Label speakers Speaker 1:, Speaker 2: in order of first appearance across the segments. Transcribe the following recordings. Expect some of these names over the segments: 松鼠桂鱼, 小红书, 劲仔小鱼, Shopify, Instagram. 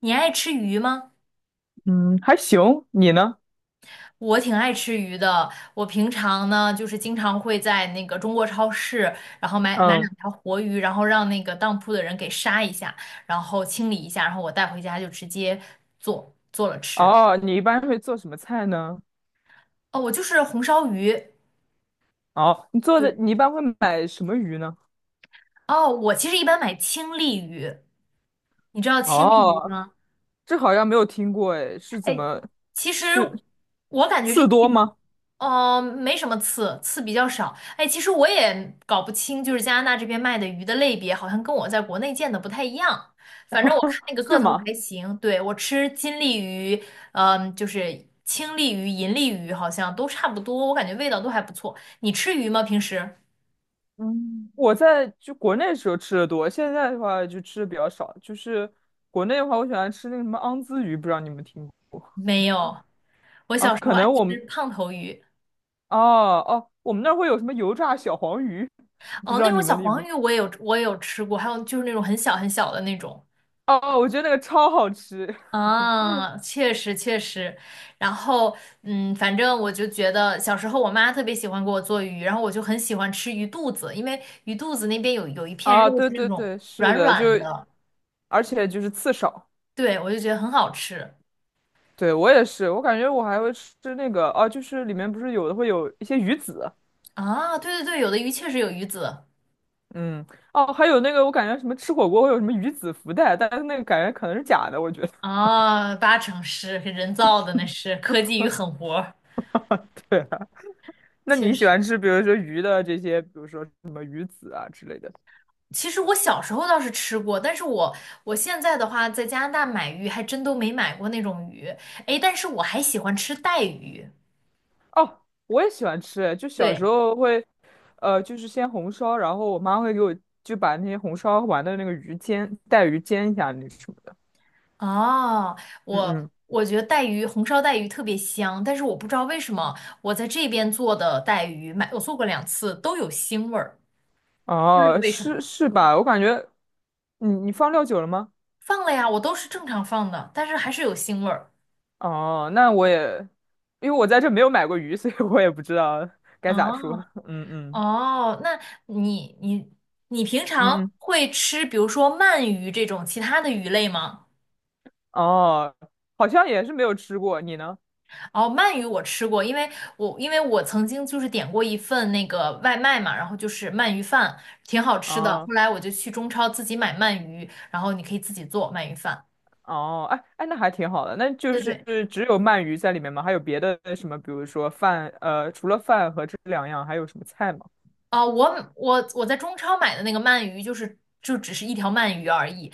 Speaker 1: 你爱吃鱼吗？
Speaker 2: 嗯，还行，你呢？
Speaker 1: 我挺爱吃鱼的。我平常呢，就是经常会在那个中国超市，然后买
Speaker 2: 嗯，
Speaker 1: 两条活鱼，然后让那个当铺的人给杀一下，然后清理一下，然后我带回家就直接做了吃。
Speaker 2: 哦，你一般会做什么菜呢？
Speaker 1: 哦，我就是红烧鱼。
Speaker 2: 哦，你做的，
Speaker 1: 对，
Speaker 2: 你一般会买什么鱼呢？
Speaker 1: 哦，我其实一般买青鲤鱼，你知道青鲤鱼
Speaker 2: 哦，
Speaker 1: 吗？
Speaker 2: 这好像没有听过，哎，是怎
Speaker 1: 哎，
Speaker 2: 么，
Speaker 1: 其实
Speaker 2: 是
Speaker 1: 我感觉这
Speaker 2: 刺
Speaker 1: 些，
Speaker 2: 多吗？
Speaker 1: 嗯、没什么刺，刺比较少。哎，其实我也搞不清，就是加拿大这边卖的鱼的类别，好像跟我在国内见的不太一样。反正我看那个个
Speaker 2: 是
Speaker 1: 头
Speaker 2: 吗？
Speaker 1: 还行，对，我吃金鲤鱼，嗯、就是青鲤鱼、银鲤鱼，好像都差不多，我感觉味道都还不错。你吃鱼吗？平时？
Speaker 2: 嗯，我在国内时候吃的多，现在的话就吃的比较少。就是国内的话，我喜欢吃那个什么昂兹鱼，不知道你们听过
Speaker 1: 没有，我
Speaker 2: 啊？
Speaker 1: 小时候
Speaker 2: 可
Speaker 1: 爱
Speaker 2: 能我
Speaker 1: 吃
Speaker 2: 们
Speaker 1: 胖头鱼，
Speaker 2: 哦哦，我们那儿会有什么油炸小黄鱼，不
Speaker 1: 哦，
Speaker 2: 知
Speaker 1: 那
Speaker 2: 道
Speaker 1: 种
Speaker 2: 你
Speaker 1: 小
Speaker 2: 们有没
Speaker 1: 黄
Speaker 2: 有？
Speaker 1: 鱼我也有，我也有吃过，还有就是那种很小很小的那种。
Speaker 2: 哦哦，我觉得那个超好吃。
Speaker 1: 啊，确实确实，然后嗯，反正我就觉得小时候我妈特别喜欢给我做鱼，然后我就很喜欢吃鱼肚子，因为鱼肚子那边有一片
Speaker 2: 啊，
Speaker 1: 肉
Speaker 2: 对
Speaker 1: 是那
Speaker 2: 对
Speaker 1: 种
Speaker 2: 对，是
Speaker 1: 软
Speaker 2: 的，就
Speaker 1: 软的，
Speaker 2: 而且就是刺少。
Speaker 1: 对，我就觉得很好吃
Speaker 2: 对，我也是，我感觉我还会吃那个啊，就是里面不是有的会有一些鱼籽，
Speaker 1: 啊。对对对，有的鱼确实有鱼籽
Speaker 2: 嗯，哦，还有那个我感觉什么吃火锅会有什么鱼籽福袋，但是那个感觉可能是假的，我觉得。
Speaker 1: 啊，八成是人造的，那是科技鱼狠活儿
Speaker 2: 对啊，那
Speaker 1: 确
Speaker 2: 你喜
Speaker 1: 实。
Speaker 2: 欢吃比如说鱼的这些，比如说什么鱼籽啊之类的？
Speaker 1: 其实我小时候倒是吃过，但是我现在的话在加拿大买鱼还真都没买过那种鱼，诶，但是我还喜欢吃带鱼。
Speaker 2: 哦，我也喜欢吃，就小时
Speaker 1: 对，
Speaker 2: 候会，就是先红烧，然后我妈会给我就把那些红烧完的那个鱼煎，带鱼煎一下那什么的。
Speaker 1: 哦，
Speaker 2: 嗯
Speaker 1: 我
Speaker 2: 嗯，
Speaker 1: 我觉得带鱼红烧带鱼特别香，但是我不知道为什么我在这边做的带鱼，买我做过两次都有腥味儿，不知道
Speaker 2: 哦，
Speaker 1: 为什
Speaker 2: 是
Speaker 1: 么。
Speaker 2: 是吧？我感觉你放料酒了吗？
Speaker 1: 放了呀，我都是正常放的，但是还是有腥味儿。
Speaker 2: 哦，那我也，因为我在这没有买过鱼，所以我也不知道该咋说。
Speaker 1: 哦
Speaker 2: 嗯嗯。
Speaker 1: 哦，那你你平常
Speaker 2: 嗯嗯，
Speaker 1: 会吃，比如说鳗鱼这种其他的鱼类吗？
Speaker 2: 哦，好像也是没有吃过，你呢？
Speaker 1: 哦，鳗鱼我吃过，因为我曾经就是点过一份那个外卖嘛，然后就是鳗鱼饭，挺好吃的。
Speaker 2: 哦
Speaker 1: 后来我就去中超自己买鳗鱼，然后你可以自己做鳗鱼饭。
Speaker 2: 哦，哎哎，那还挺好的。那就
Speaker 1: 对
Speaker 2: 是
Speaker 1: 对，
Speaker 2: 只有鳗鱼在里面吗？还有别的什么？比如说饭，除了饭和这两样，还有什么菜吗？
Speaker 1: 啊、我在中超买的那个鳗鱼就是就只是一条鳗鱼而已，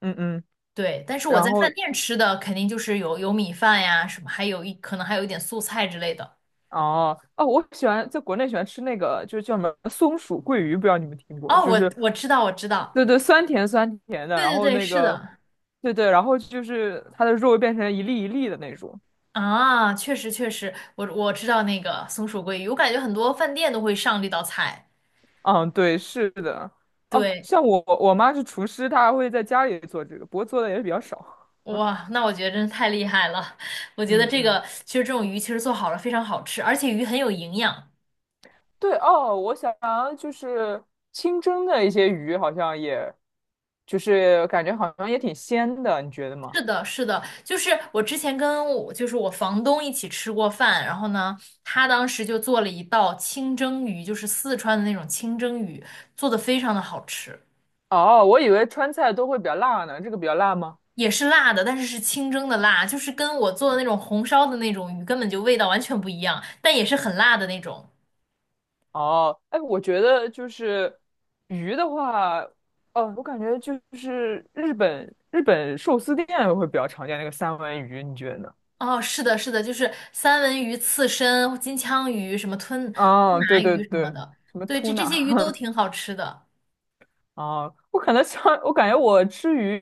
Speaker 2: 嗯嗯，
Speaker 1: 对。但是我
Speaker 2: 然
Speaker 1: 在
Speaker 2: 后
Speaker 1: 饭店吃的肯定就是有米饭呀什么，还有一可能还有一点素菜之类的。
Speaker 2: 哦哦，我喜欢在国内喜欢吃那个，就是叫什么松鼠桂鱼，不知道你们听过？
Speaker 1: 哦，
Speaker 2: 就
Speaker 1: 我
Speaker 2: 是，
Speaker 1: 我知道我知道，
Speaker 2: 对对，酸甜酸甜的，
Speaker 1: 对
Speaker 2: 然
Speaker 1: 对
Speaker 2: 后
Speaker 1: 对，
Speaker 2: 那
Speaker 1: 是
Speaker 2: 个，
Speaker 1: 的。
Speaker 2: 对对，然后就是它的肉会变成一粒一粒的那种。
Speaker 1: 啊，确实确实，我知道那个松鼠桂鱼，我感觉很多饭店都会上这道菜。
Speaker 2: 嗯，对，是的。哦，
Speaker 1: 对，
Speaker 2: 像我妈是厨师，她还会在家里做这个，不过做的也比较少。
Speaker 1: 哇，那我觉得真是太厉害了。我觉得
Speaker 2: 嗯
Speaker 1: 这
Speaker 2: 嗯，
Speaker 1: 个其实这种鱼其实做好了非常好吃，而且鱼很有营养。
Speaker 2: 对哦，我想就是清蒸的一些鱼，好像也，就是感觉好像也挺鲜的，你觉得吗？
Speaker 1: 是的，是的，就是我之前跟我就是我房东一起吃过饭，然后呢，他当时就做了一道清蒸鱼，就是四川的那种清蒸鱼，做的非常的好吃。
Speaker 2: 哦，我以为川菜都会比较辣呢，这个比较辣吗？
Speaker 1: 也是辣的，但是是清蒸的辣，就是跟我做的那种红烧的那种鱼根本就味道完全不一样，但也是很辣的那种。
Speaker 2: 哦，哎，我觉得就是鱼的话，哦，我感觉就是日本寿司店会比较常见那个三文鱼，你觉得呢？
Speaker 1: 哦，是的，是的，就是三文鱼、刺身、金枪鱼、什么
Speaker 2: 啊，
Speaker 1: 拿
Speaker 2: 对对
Speaker 1: 鱼什么
Speaker 2: 对，
Speaker 1: 的，
Speaker 2: 什么
Speaker 1: 对，这
Speaker 2: tuna。
Speaker 1: 这些鱼 都挺好吃的。
Speaker 2: 啊，我可能上，我感觉我吃鱼，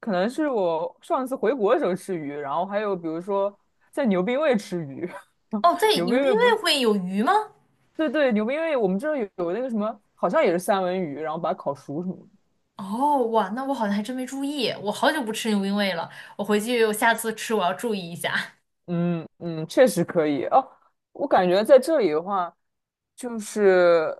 Speaker 2: 可能是我上次回国的时候吃鱼，然后还有比如说在牛冰味吃鱼，
Speaker 1: 哦，在
Speaker 2: 牛冰
Speaker 1: 牛冰
Speaker 2: 味不是，
Speaker 1: 味会有鱼吗？
Speaker 2: 对对，牛冰味我们这儿有那个什么，好像也是三文鱼，然后把它烤熟什么的。
Speaker 1: 哦，哇，那我好像还真没注意，我好久不吃牛冰味了，我回去我下次吃我要注意一下。
Speaker 2: 嗯嗯，确实可以哦。我感觉在这里的话，就是，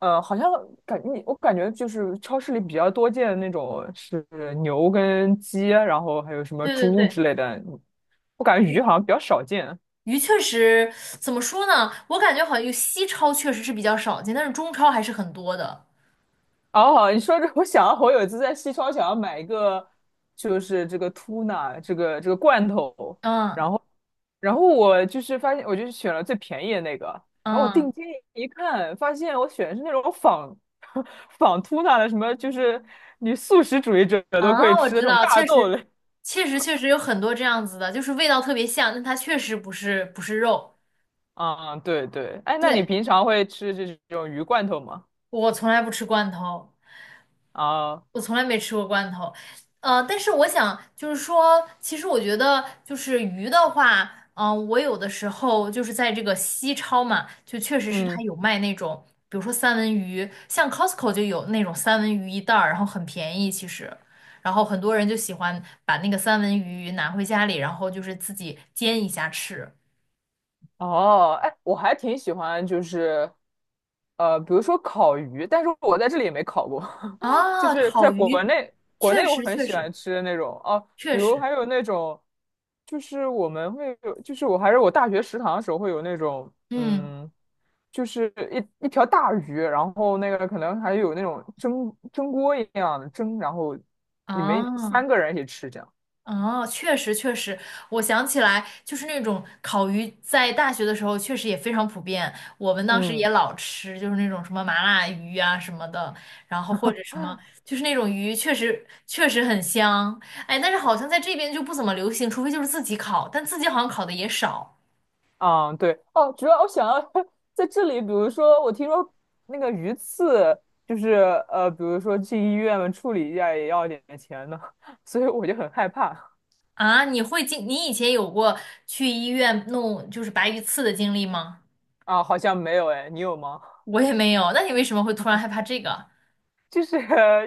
Speaker 2: 好像感你我感觉就是超市里比较多见的那种是牛跟鸡，然后还有什 么
Speaker 1: 对对
Speaker 2: 猪
Speaker 1: 对，
Speaker 2: 之类的，我感觉鱼好像比较少见。
Speaker 1: 鱼确实怎么说呢？我感觉好像有西超确实是比较少见，但是中超还是很多的。
Speaker 2: 哦，你说这，我想我有一次在西超想要买一个，就是这个 tuna 这个罐头，然
Speaker 1: 嗯
Speaker 2: 后我就是发现，我就选了最便宜的那个，然后我
Speaker 1: 嗯
Speaker 2: 定睛一看，发现我选的是那种仿 仿 tuna 的，什么就是你素食主义者都可以
Speaker 1: 啊，我
Speaker 2: 吃的
Speaker 1: 知
Speaker 2: 那种
Speaker 1: 道，
Speaker 2: 大
Speaker 1: 确
Speaker 2: 豆
Speaker 1: 实
Speaker 2: 类。
Speaker 1: 确实有很多这样子的，就是味道特别像，但它确实不是肉。
Speaker 2: 啊、对对，哎，那你
Speaker 1: 对，
Speaker 2: 平常会吃这种鱼罐头吗？
Speaker 1: 我从来不吃罐头。
Speaker 2: 啊、
Speaker 1: 我从来没吃过罐头，呃，但是我想就是说，其实我觉得就是鱼的话，嗯、我有的时候就是在这个西超嘛，就确实是它
Speaker 2: 嗯。
Speaker 1: 有卖那种，比如说三文鱼，像 Costco 就有那种三文鱼一袋儿，然后很便宜其实，然后很多人就喜欢把那个三文鱼拿回家里，然后就是自己煎一下吃。
Speaker 2: 哦，哎，我还挺喜欢，就是比如说烤鱼，但是我在这里也没烤过，就
Speaker 1: 啊，
Speaker 2: 是在
Speaker 1: 烤
Speaker 2: 国
Speaker 1: 鱼，
Speaker 2: 内，国
Speaker 1: 确
Speaker 2: 内我
Speaker 1: 实
Speaker 2: 很
Speaker 1: 确
Speaker 2: 喜
Speaker 1: 实
Speaker 2: 欢吃的那种哦，
Speaker 1: 确
Speaker 2: 比如
Speaker 1: 实，
Speaker 2: 还有那种，就是我们会有，就是我还是我大学食堂的时候会有那种，
Speaker 1: 嗯，
Speaker 2: 嗯，就是一条大鱼，然后那个可能还有那种蒸锅一样的蒸，然后你们三
Speaker 1: 啊。
Speaker 2: 个人一起吃这样，
Speaker 1: 哦，确实确实，我想起来，就是那种烤鱼，在大学的时候确实也非常普遍，我们当时也
Speaker 2: 嗯。
Speaker 1: 老吃，就是那种什么麻辣鱼啊什么的，然后或者什么，就是那种鱼确实确实很香，哎，但是好像在这边就不怎么流行，除非就是自己烤，但自己好像烤的也少
Speaker 2: 啊，对，哦，主要我想要 在这里，比如说，我听说那个鱼刺，就是比如说去医院处理一下也要点钱呢，所以我就很害怕
Speaker 1: 啊。你会经，你以前有过去医院弄就是白鱼刺的经历吗？
Speaker 2: 啊，好像没有哎，你有吗？
Speaker 1: 我也没有，那你为什么会突然害怕这个？
Speaker 2: 就是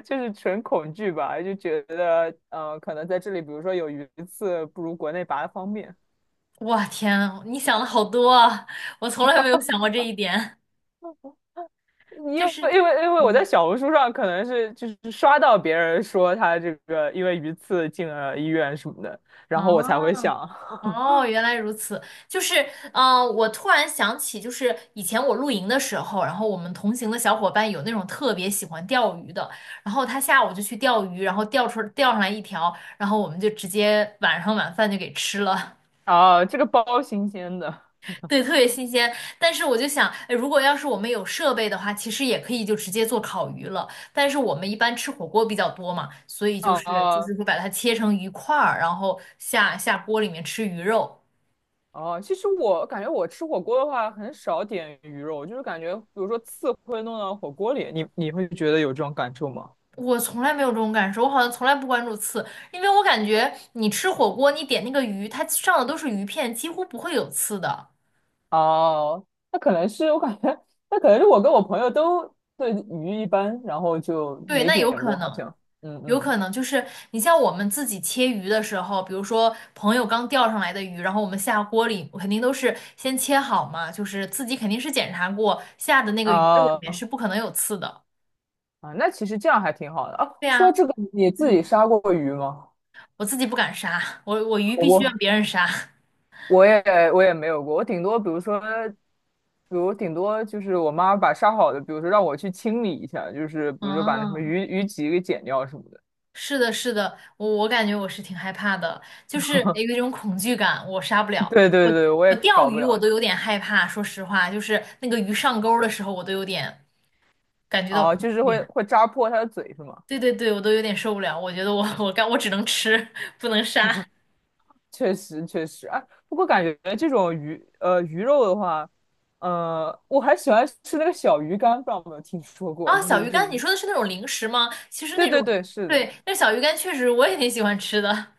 Speaker 2: 纯恐惧吧，就觉得可能在这里，比如说有鱼刺，不如国内拔的方便。
Speaker 1: 哇天啊你想的好多啊，我从来没有想过这一点。
Speaker 2: 因
Speaker 1: 就
Speaker 2: 为
Speaker 1: 是，
Speaker 2: 因为因为我在
Speaker 1: 嗯，
Speaker 2: 小红书上可能是就是刷到别人说他这个因为鱼刺进了医院什么的，然后我才会
Speaker 1: 哦
Speaker 2: 想。
Speaker 1: 哦，原来如此。就是，嗯、我突然想起，就是以前我露营的时候，然后我们同行的小伙伴有那种特别喜欢钓鱼的，然后他下午就去钓鱼，然后钓上来一条，然后我们就直接晚上晚饭就给吃了。
Speaker 2: 啊，这个包新鲜的。
Speaker 1: 对，特别新鲜。但是我就想，哎如果要是我们有设备的话，其实也可以就直接做烤鱼了。但是我们一般吃火锅比较多嘛，所以就是就
Speaker 2: 哦
Speaker 1: 是会把它切成鱼块儿，然后下锅里面吃鱼肉。
Speaker 2: 哦，其实我感觉我吃火锅的话，很少点鱼肉，就是感觉，比如说刺会弄到火锅里，你会觉得有这种感受吗？
Speaker 1: 我从来没有这种感受，我好像从来不关注刺，因为我感觉你吃火锅，你点那个鱼，它上的都是鱼片，几乎不会有刺的。
Speaker 2: 哦，那可能是我感觉，那可能是我跟我朋友都对鱼一般，然后就
Speaker 1: 对，
Speaker 2: 没
Speaker 1: 那有
Speaker 2: 点
Speaker 1: 可
Speaker 2: 过，好
Speaker 1: 能。
Speaker 2: 像。嗯
Speaker 1: 有
Speaker 2: 嗯。
Speaker 1: 可能就是你像我们自己切鱼的时候，比如说朋友刚钓上来的鱼，然后我们下锅里肯定都是先切好嘛，就是自己肯定是检查过下的那个鱼肉里面
Speaker 2: 哦
Speaker 1: 是不可能有刺的。
Speaker 2: 啊，那其实这样还挺好的啊。
Speaker 1: 对
Speaker 2: 说到
Speaker 1: 呀，
Speaker 2: 这个，你自己
Speaker 1: 嗯，
Speaker 2: 杀过鱼吗？
Speaker 1: 我自己不敢杀，我鱼
Speaker 2: 火
Speaker 1: 必须让
Speaker 2: 锅。
Speaker 1: 别人杀。
Speaker 2: 我也没有过，我顶多比如说，比如顶多就是我妈把杀好的，比如说让我去清理一下，就是比如说把那什么
Speaker 1: 嗯，
Speaker 2: 鱼鳍给剪掉什么的。
Speaker 1: 是的，是的，我感觉我是挺害怕的，就是有一种恐惧感，我杀不 了。
Speaker 2: 对对
Speaker 1: 我
Speaker 2: 对，我
Speaker 1: 我
Speaker 2: 也
Speaker 1: 钓
Speaker 2: 搞不
Speaker 1: 鱼我
Speaker 2: 了。
Speaker 1: 都有点害怕，说实话，就是那个鱼上钩的时候，我都有点感觉到
Speaker 2: 哦，
Speaker 1: 恐
Speaker 2: 就是会
Speaker 1: 惧。
Speaker 2: 会扎破它的嘴是吗？
Speaker 1: 对对对，我都有点受不了，我觉得我 我干我只能吃，不能杀。
Speaker 2: 确实确实，哎，不过感觉这种鱼鱼肉的话，我还喜欢吃那个小鱼干，不知道有没有听说过？
Speaker 1: 啊，
Speaker 2: 就
Speaker 1: 小
Speaker 2: 是
Speaker 1: 鱼
Speaker 2: 这
Speaker 1: 干，你
Speaker 2: 里，
Speaker 1: 说的是那种零食吗？其实
Speaker 2: 对
Speaker 1: 那种，
Speaker 2: 对对，是的。
Speaker 1: 对，那小鱼干确实我也挺喜欢吃的。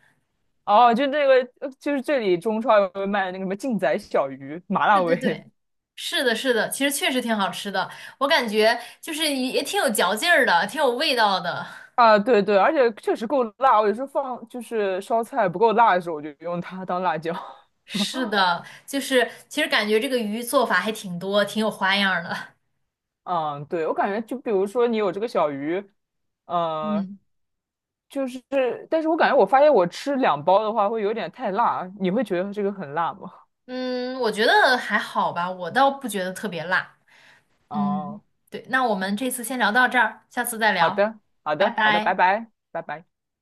Speaker 2: 哦，就那个，就是这里中超有卖那个什么劲仔小鱼，麻辣
Speaker 1: 对对
Speaker 2: 味。
Speaker 1: 对，是的，是的，其实确实挺好吃的，我感觉就是也挺有嚼劲儿的，挺有味道的。
Speaker 2: 啊，对对，而且确实够辣。我有时候放就是烧菜不够辣的时候，我就用它当辣椒。
Speaker 1: 是的，就是其实感觉这个鱼做法还挺多，挺有花样儿的。
Speaker 2: 嗯，对，我感觉就比如说你有这个小鱼，呃，
Speaker 1: 嗯
Speaker 2: 就是，但是我感觉我发现我吃两包的话会有点太辣，你会觉得这个很辣吗？
Speaker 1: 嗯，我觉得还好吧，我倒不觉得特别辣。嗯，
Speaker 2: 哦，
Speaker 1: 对，那我们这次先聊到这儿，下次再
Speaker 2: 好
Speaker 1: 聊，
Speaker 2: 的，好
Speaker 1: 拜
Speaker 2: 的，好的，拜
Speaker 1: 拜。
Speaker 2: 拜，拜拜。